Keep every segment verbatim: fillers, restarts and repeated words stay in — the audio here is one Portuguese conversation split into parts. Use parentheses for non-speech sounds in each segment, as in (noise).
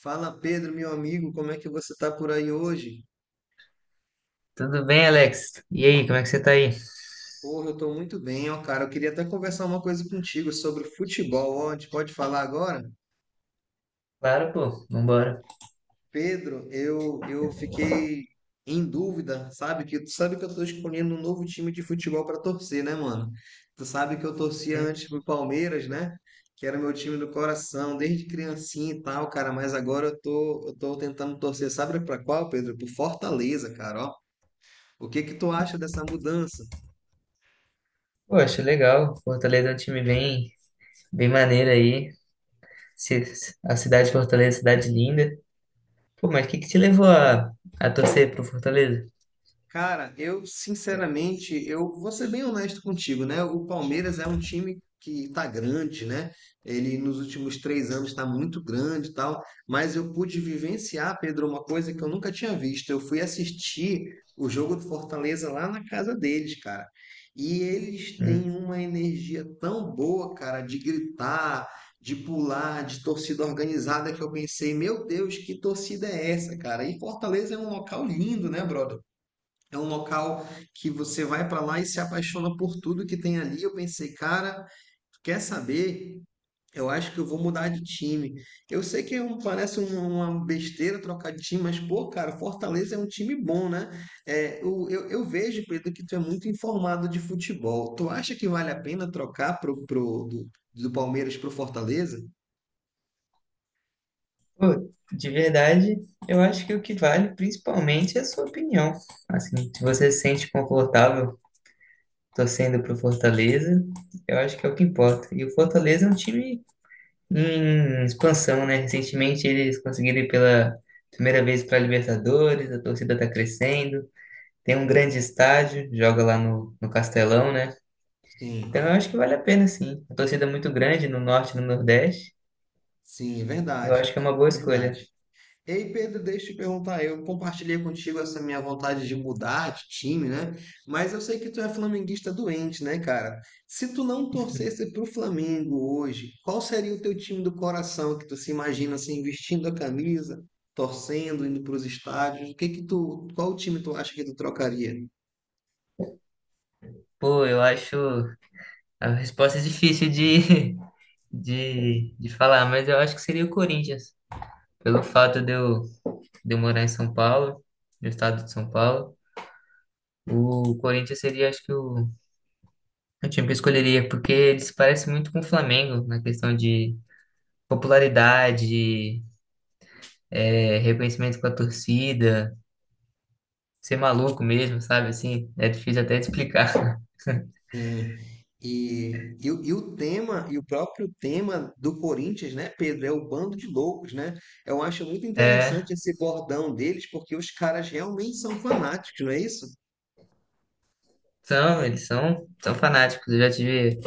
Fala Pedro, meu amigo, como é que você tá por aí hoje? Tudo bem, Alex? E aí, como é que você tá aí? Porra, eu tô muito bem, ó, cara. Eu queria até conversar uma coisa contigo sobre futebol, ó. A gente pode falar agora? Claro, pô, vambora. Pedro, eu eu fiquei em dúvida, sabe? Que tu sabe que eu tô escolhendo um novo time de futebol para torcer, né, mano? Tu sabe que eu torcia Hum, antes pro Palmeiras, né? Que era meu time do coração, desde criancinha e tal, cara, mas agora eu tô eu tô tentando torcer, sabe pra qual, Pedro? Pro Fortaleza, cara, ó. O que que tu acha dessa mudança? pô, acho legal. Fortaleza é um time bem, bem maneiro aí. Ci- A cidade de Fortaleza é uma cidade linda. Pô, mas o que que te levou a, a torcer pro Fortaleza? Cara, eu sinceramente, eu vou ser bem honesto contigo, né? O Palmeiras é um time que tá grande, né? Ele nos últimos três anos está muito grande e tal, mas eu pude vivenciar, Pedro, uma coisa que eu nunca tinha visto. Eu fui assistir o jogo do Fortaleza lá na casa deles, cara. E eles têm Hum, uma energia tão boa, cara, de gritar, de pular, de torcida organizada, que eu pensei, meu Deus, que torcida é essa, cara? E Fortaleza é um local lindo, né, brother? É um local que você vai para lá e se apaixona por tudo que tem ali. Eu pensei, cara, quer saber? Eu acho que eu vou mudar de time. Eu sei que é um- parece uma, uma besteira trocar de time, mas, pô, cara, Fortaleza é um time bom, né? É, o- eu, eu vejo, Pedro, que tu é muito informado de futebol. Tu acha que vale a pena trocar pro, pro- do, do Palmeiras pro Fortaleza? pô, de verdade, eu acho que o que vale principalmente é a sua opinião. Assim, se você se sente confortável torcendo pro Fortaleza, eu acho que é o que importa. E o Fortaleza é um time em expansão, né? Recentemente eles conseguiram ir pela primeira vez para a Libertadores, a torcida está crescendo, tem um grande estádio, joga lá no, no Castelão, né? Então eu Sim, acho que vale a pena, sim. A torcida é muito grande no Norte e no Nordeste, sim, é eu verdade. acho que é uma boa Verdade. escolha. Ei, Pedro, deixa eu te perguntar. Eu compartilhei contigo essa minha vontade de mudar de time, né? Mas eu sei que tu é flamenguista doente, né, cara? Se tu não torcesse pro Flamengo hoje, qual seria o teu time do coração que tu se imagina assim, vestindo a camisa, torcendo, indo pros estádios? O que que tu, qual time tu acha que tu trocaria? Pô, eu acho a resposta é difícil de, (laughs) de, de falar, mas eu acho que seria o Corinthians, pelo fato de eu, de eu morar em São Paulo, no estado de São Paulo. O Corinthians seria, acho que, o É o time que eu escolheria, porque ele se parece muito com o Flamengo na questão de popularidade, é, reconhecimento com a torcida, ser maluco mesmo, sabe? Assim, é difícil até de explicar. (laughs) Sim. E, e, o e o tema, e o próprio tema do Corinthians, né, Pedro, é o bando de loucos, né? Eu acho muito É, interessante esse bordão deles, porque os caras realmente são fanáticos, não é isso? são, eles são, são fanáticos. Eu já tive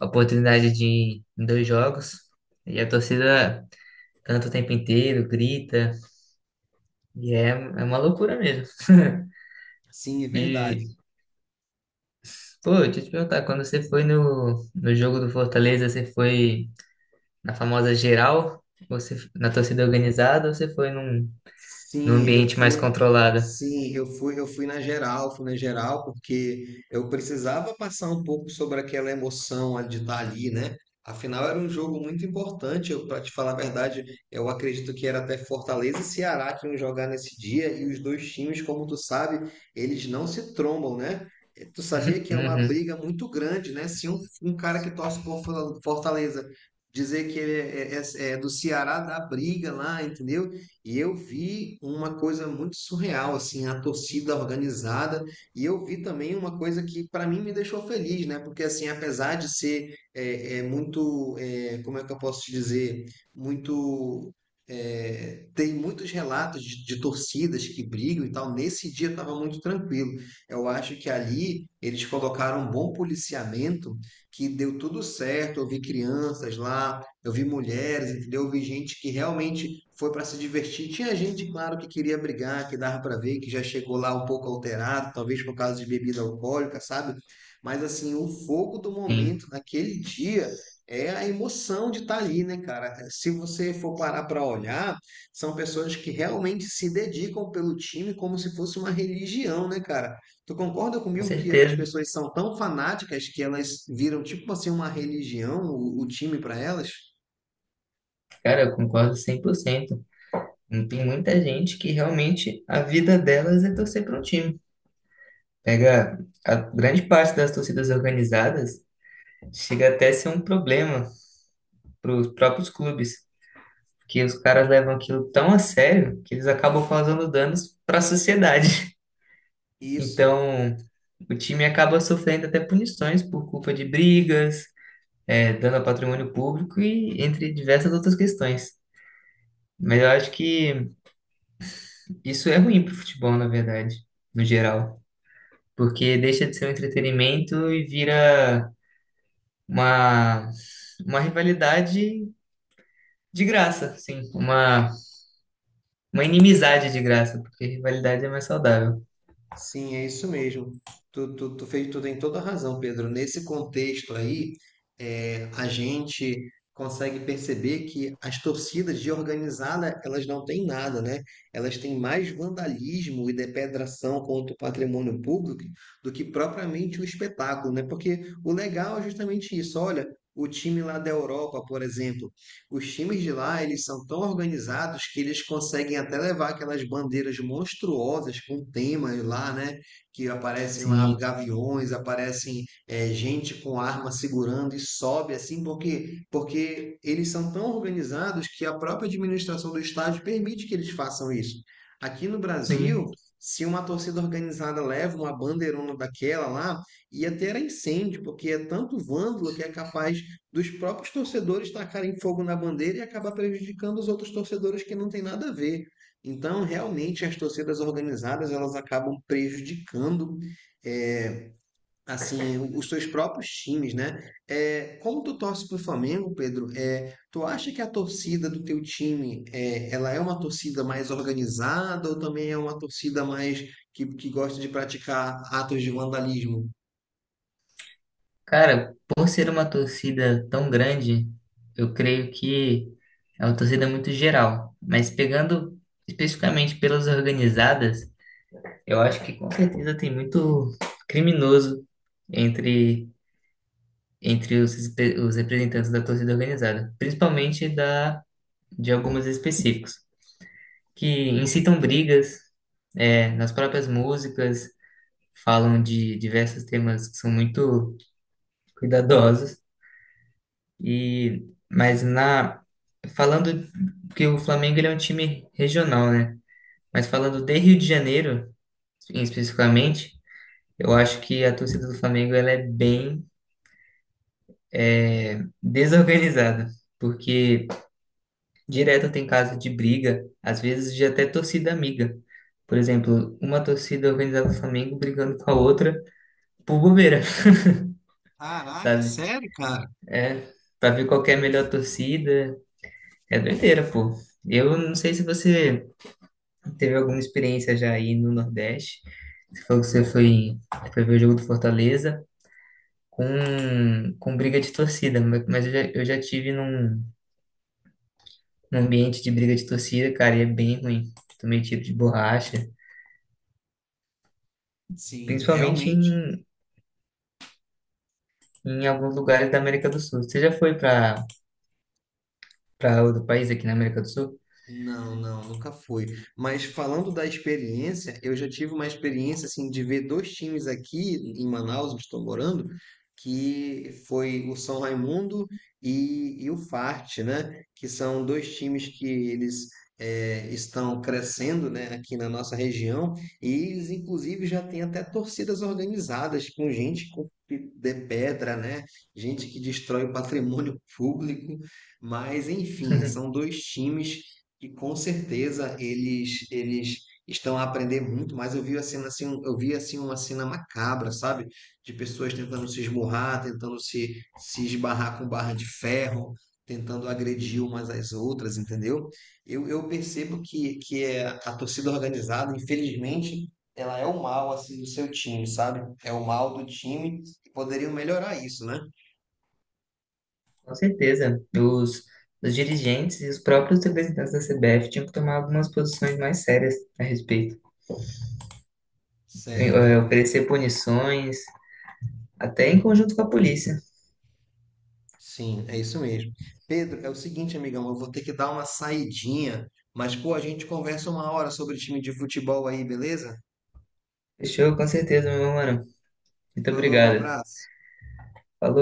a oportunidade de ir em dois jogos e a torcida canta o tempo inteiro, grita, e é, é uma loucura mesmo. Sim, é E, verdade. pô, deixa eu te perguntar, quando você foi no, no jogo do Fortaleza, você foi. Na famosa geral, você na torcida organizada, ou você foi num, num Sim, eu ambiente mais fui. controlado? Sim, eu fui, eu fui na geral, fui na geral, porque eu precisava passar um pouco sobre aquela emoção de estar ali, né? Afinal, era um jogo muito importante. Eu, para te falar a verdade, eu acredito que era até Fortaleza e Ceará que iam jogar nesse dia, e os dois times, como tu sabe, eles não se trombam, né? Eh, Tu sabia que é uma Uhum, briga muito grande, né? Se um, um cara que torce por Fortaleza dizer que ele é, é é- é do Ceará, dá briga lá, entendeu? E eu vi uma coisa muito surreal, assim, a torcida organizada. E eu vi também uma coisa que, para mim, me deixou feliz, né? Porque, assim, apesar de ser é, é, muito, é, como é que eu posso te dizer, muito. É, tem muitos relatos de, de torcidas que brigam e tal. Nesse dia estava muito tranquilo. Eu acho que ali eles colocaram um bom policiamento que deu tudo certo. Eu vi crianças lá, eu vi mulheres, entendeu? Eu vi gente que realmente foi para se divertir. Tinha gente, claro, que queria brigar, que dava para ver, que já chegou lá um pouco alterado, talvez por causa de bebida alcoólica, sabe? Mas assim, o fogo do sim, momento naquele dia é a emoção de estar ali, né, cara? Se você for parar para olhar, são pessoas que realmente se dedicam pelo time como se fosse uma religião, né, cara? Tu concorda com comigo que as certeza. pessoas são tão fanáticas que elas viram tipo assim uma religião, o, o time para elas? Cara, eu concordo cem por cento. Não Tem muita gente que realmente a vida delas é torcer para um time. Pega a grande parte das torcidas organizadas, chega até a ser um problema para os próprios clubes, porque os caras levam aquilo tão a sério que eles acabam causando danos para a sociedade. Isso, Então, o time acaba sofrendo até punições por culpa de brigas, é, dano ao patrimônio público e entre diversas outras questões. Mas eu acho que isso é ruim para o futebol, na verdade, no geral, porque deixa de ser um entretenimento e vira uma, uma rivalidade de graça, sim, uma, uma inimizade de graça, porque rivalidade é mais saudável. sim, é isso mesmo. Tu, tu, tu fez, tu tem toda a razão, Pedro. Nesse contexto aí, é, a gente consegue perceber que as torcidas de organizada, elas não têm nada, né? Elas têm mais vandalismo e depredação contra o patrimônio público do que propriamente o espetáculo, né? Porque o legal é justamente isso. Olha, o time lá da Europa, por exemplo, Os times de lá, eles são tão organizados que eles conseguem até levar aquelas bandeiras monstruosas com temas lá, né? Que aparecem lá Sim, gaviões, aparecem é, gente com arma segurando e sobe assim, porque porque eles são tão organizados que a própria administração do estádio permite que eles façam isso. Aqui no sim. Brasil, se uma torcida organizada leva uma bandeirona daquela lá, ia ter incêndio, porque é tanto vândalo que é capaz dos próprios torcedores tacarem fogo na bandeira e acabar prejudicando os outros torcedores que não tem nada a ver. Então, realmente, as torcidas organizadas elas acabam prejudicando é, assim os seus próprios times, né? É, como tu torce para o Flamengo, Pedro, é, tu acha que a torcida do teu time é, ela é uma torcida mais organizada ou também é uma torcida mais que, que gosta de praticar atos de vandalismo? Cara, por ser uma torcida tão grande, eu creio que é uma torcida muito geral. Mas pegando especificamente pelas organizadas, eu acho que com certeza tem muito criminoso entre, entre os, espe- os representantes da torcida organizada, principalmente da, de algumas específicos, que incitam brigas, é, nas próprias músicas, falam de diversos temas que são muito cuidadosos. E mas na Falando que o Flamengo ele é um time regional, né? Mas falando de Rio de Janeiro, em- especificamente, eu acho que a torcida do Flamengo ela é bem desorganizada, porque direto tem caso de briga, às vezes de até torcida amiga. Por exemplo, uma torcida organizada do Flamengo brigando com a outra por bobeira, (laughs) Caraca, sabe? sério, cara? É, pra ver qual que é a melhor torcida, é doideira, pô. Eu não sei se você Teve alguma experiência já aí no Nordeste? Você falou que você foi, foi ver o jogo do Fortaleza com, com briga de torcida, mas mas eu já, eu já tive num, num ambiente de briga de torcida, cara, e é bem ruim. Tomei tiro de borracha, Sim, principalmente realmente. em, em alguns lugares da América do Sul. Você já foi para para outro país aqui na América do Sul? Não, não, nunca fui. Mas falando da experiência, eu já tive uma experiência assim de ver dois times aqui em Manaus, onde estou morando, que foi o São Raimundo e, e o fart, né? Que são dois times que eles eh, estão crescendo, né, aqui na nossa região, e eles inclusive já têm até torcidas organizadas com gente com pi- de pedra, né? Gente que destrói o patrimônio público, mas enfim, são (laughs) dois times que com certeza eles eles estão a aprender muito mais. Eu vi a cena assim, eu vi assim uma cena macabra, sabe? De pessoas tentando se esmurrar, tentando se se esbarrar com barra de ferro, tentando agredir umas às outras, entendeu? Eu, eu percebo que que é a torcida organizada, infelizmente, ela é o mal assim do seu time, sabe? É o mal do time e poderiam melhorar isso, né? Com certeza. Os, os dirigentes e os próprios representantes da C B F tinham que tomar algumas posições mais sérias a respeito. Eh, Certo. oferecer punições, até em conjunto com a polícia. Sim, é isso mesmo. Pedro, é o seguinte, amigão, eu vou ter que dar uma saidinha, mas pô, a gente conversa uma hora sobre time de futebol aí, beleza? Fechou, com certeza, meu mano. Muito Falou, um obrigado. abraço. Falou.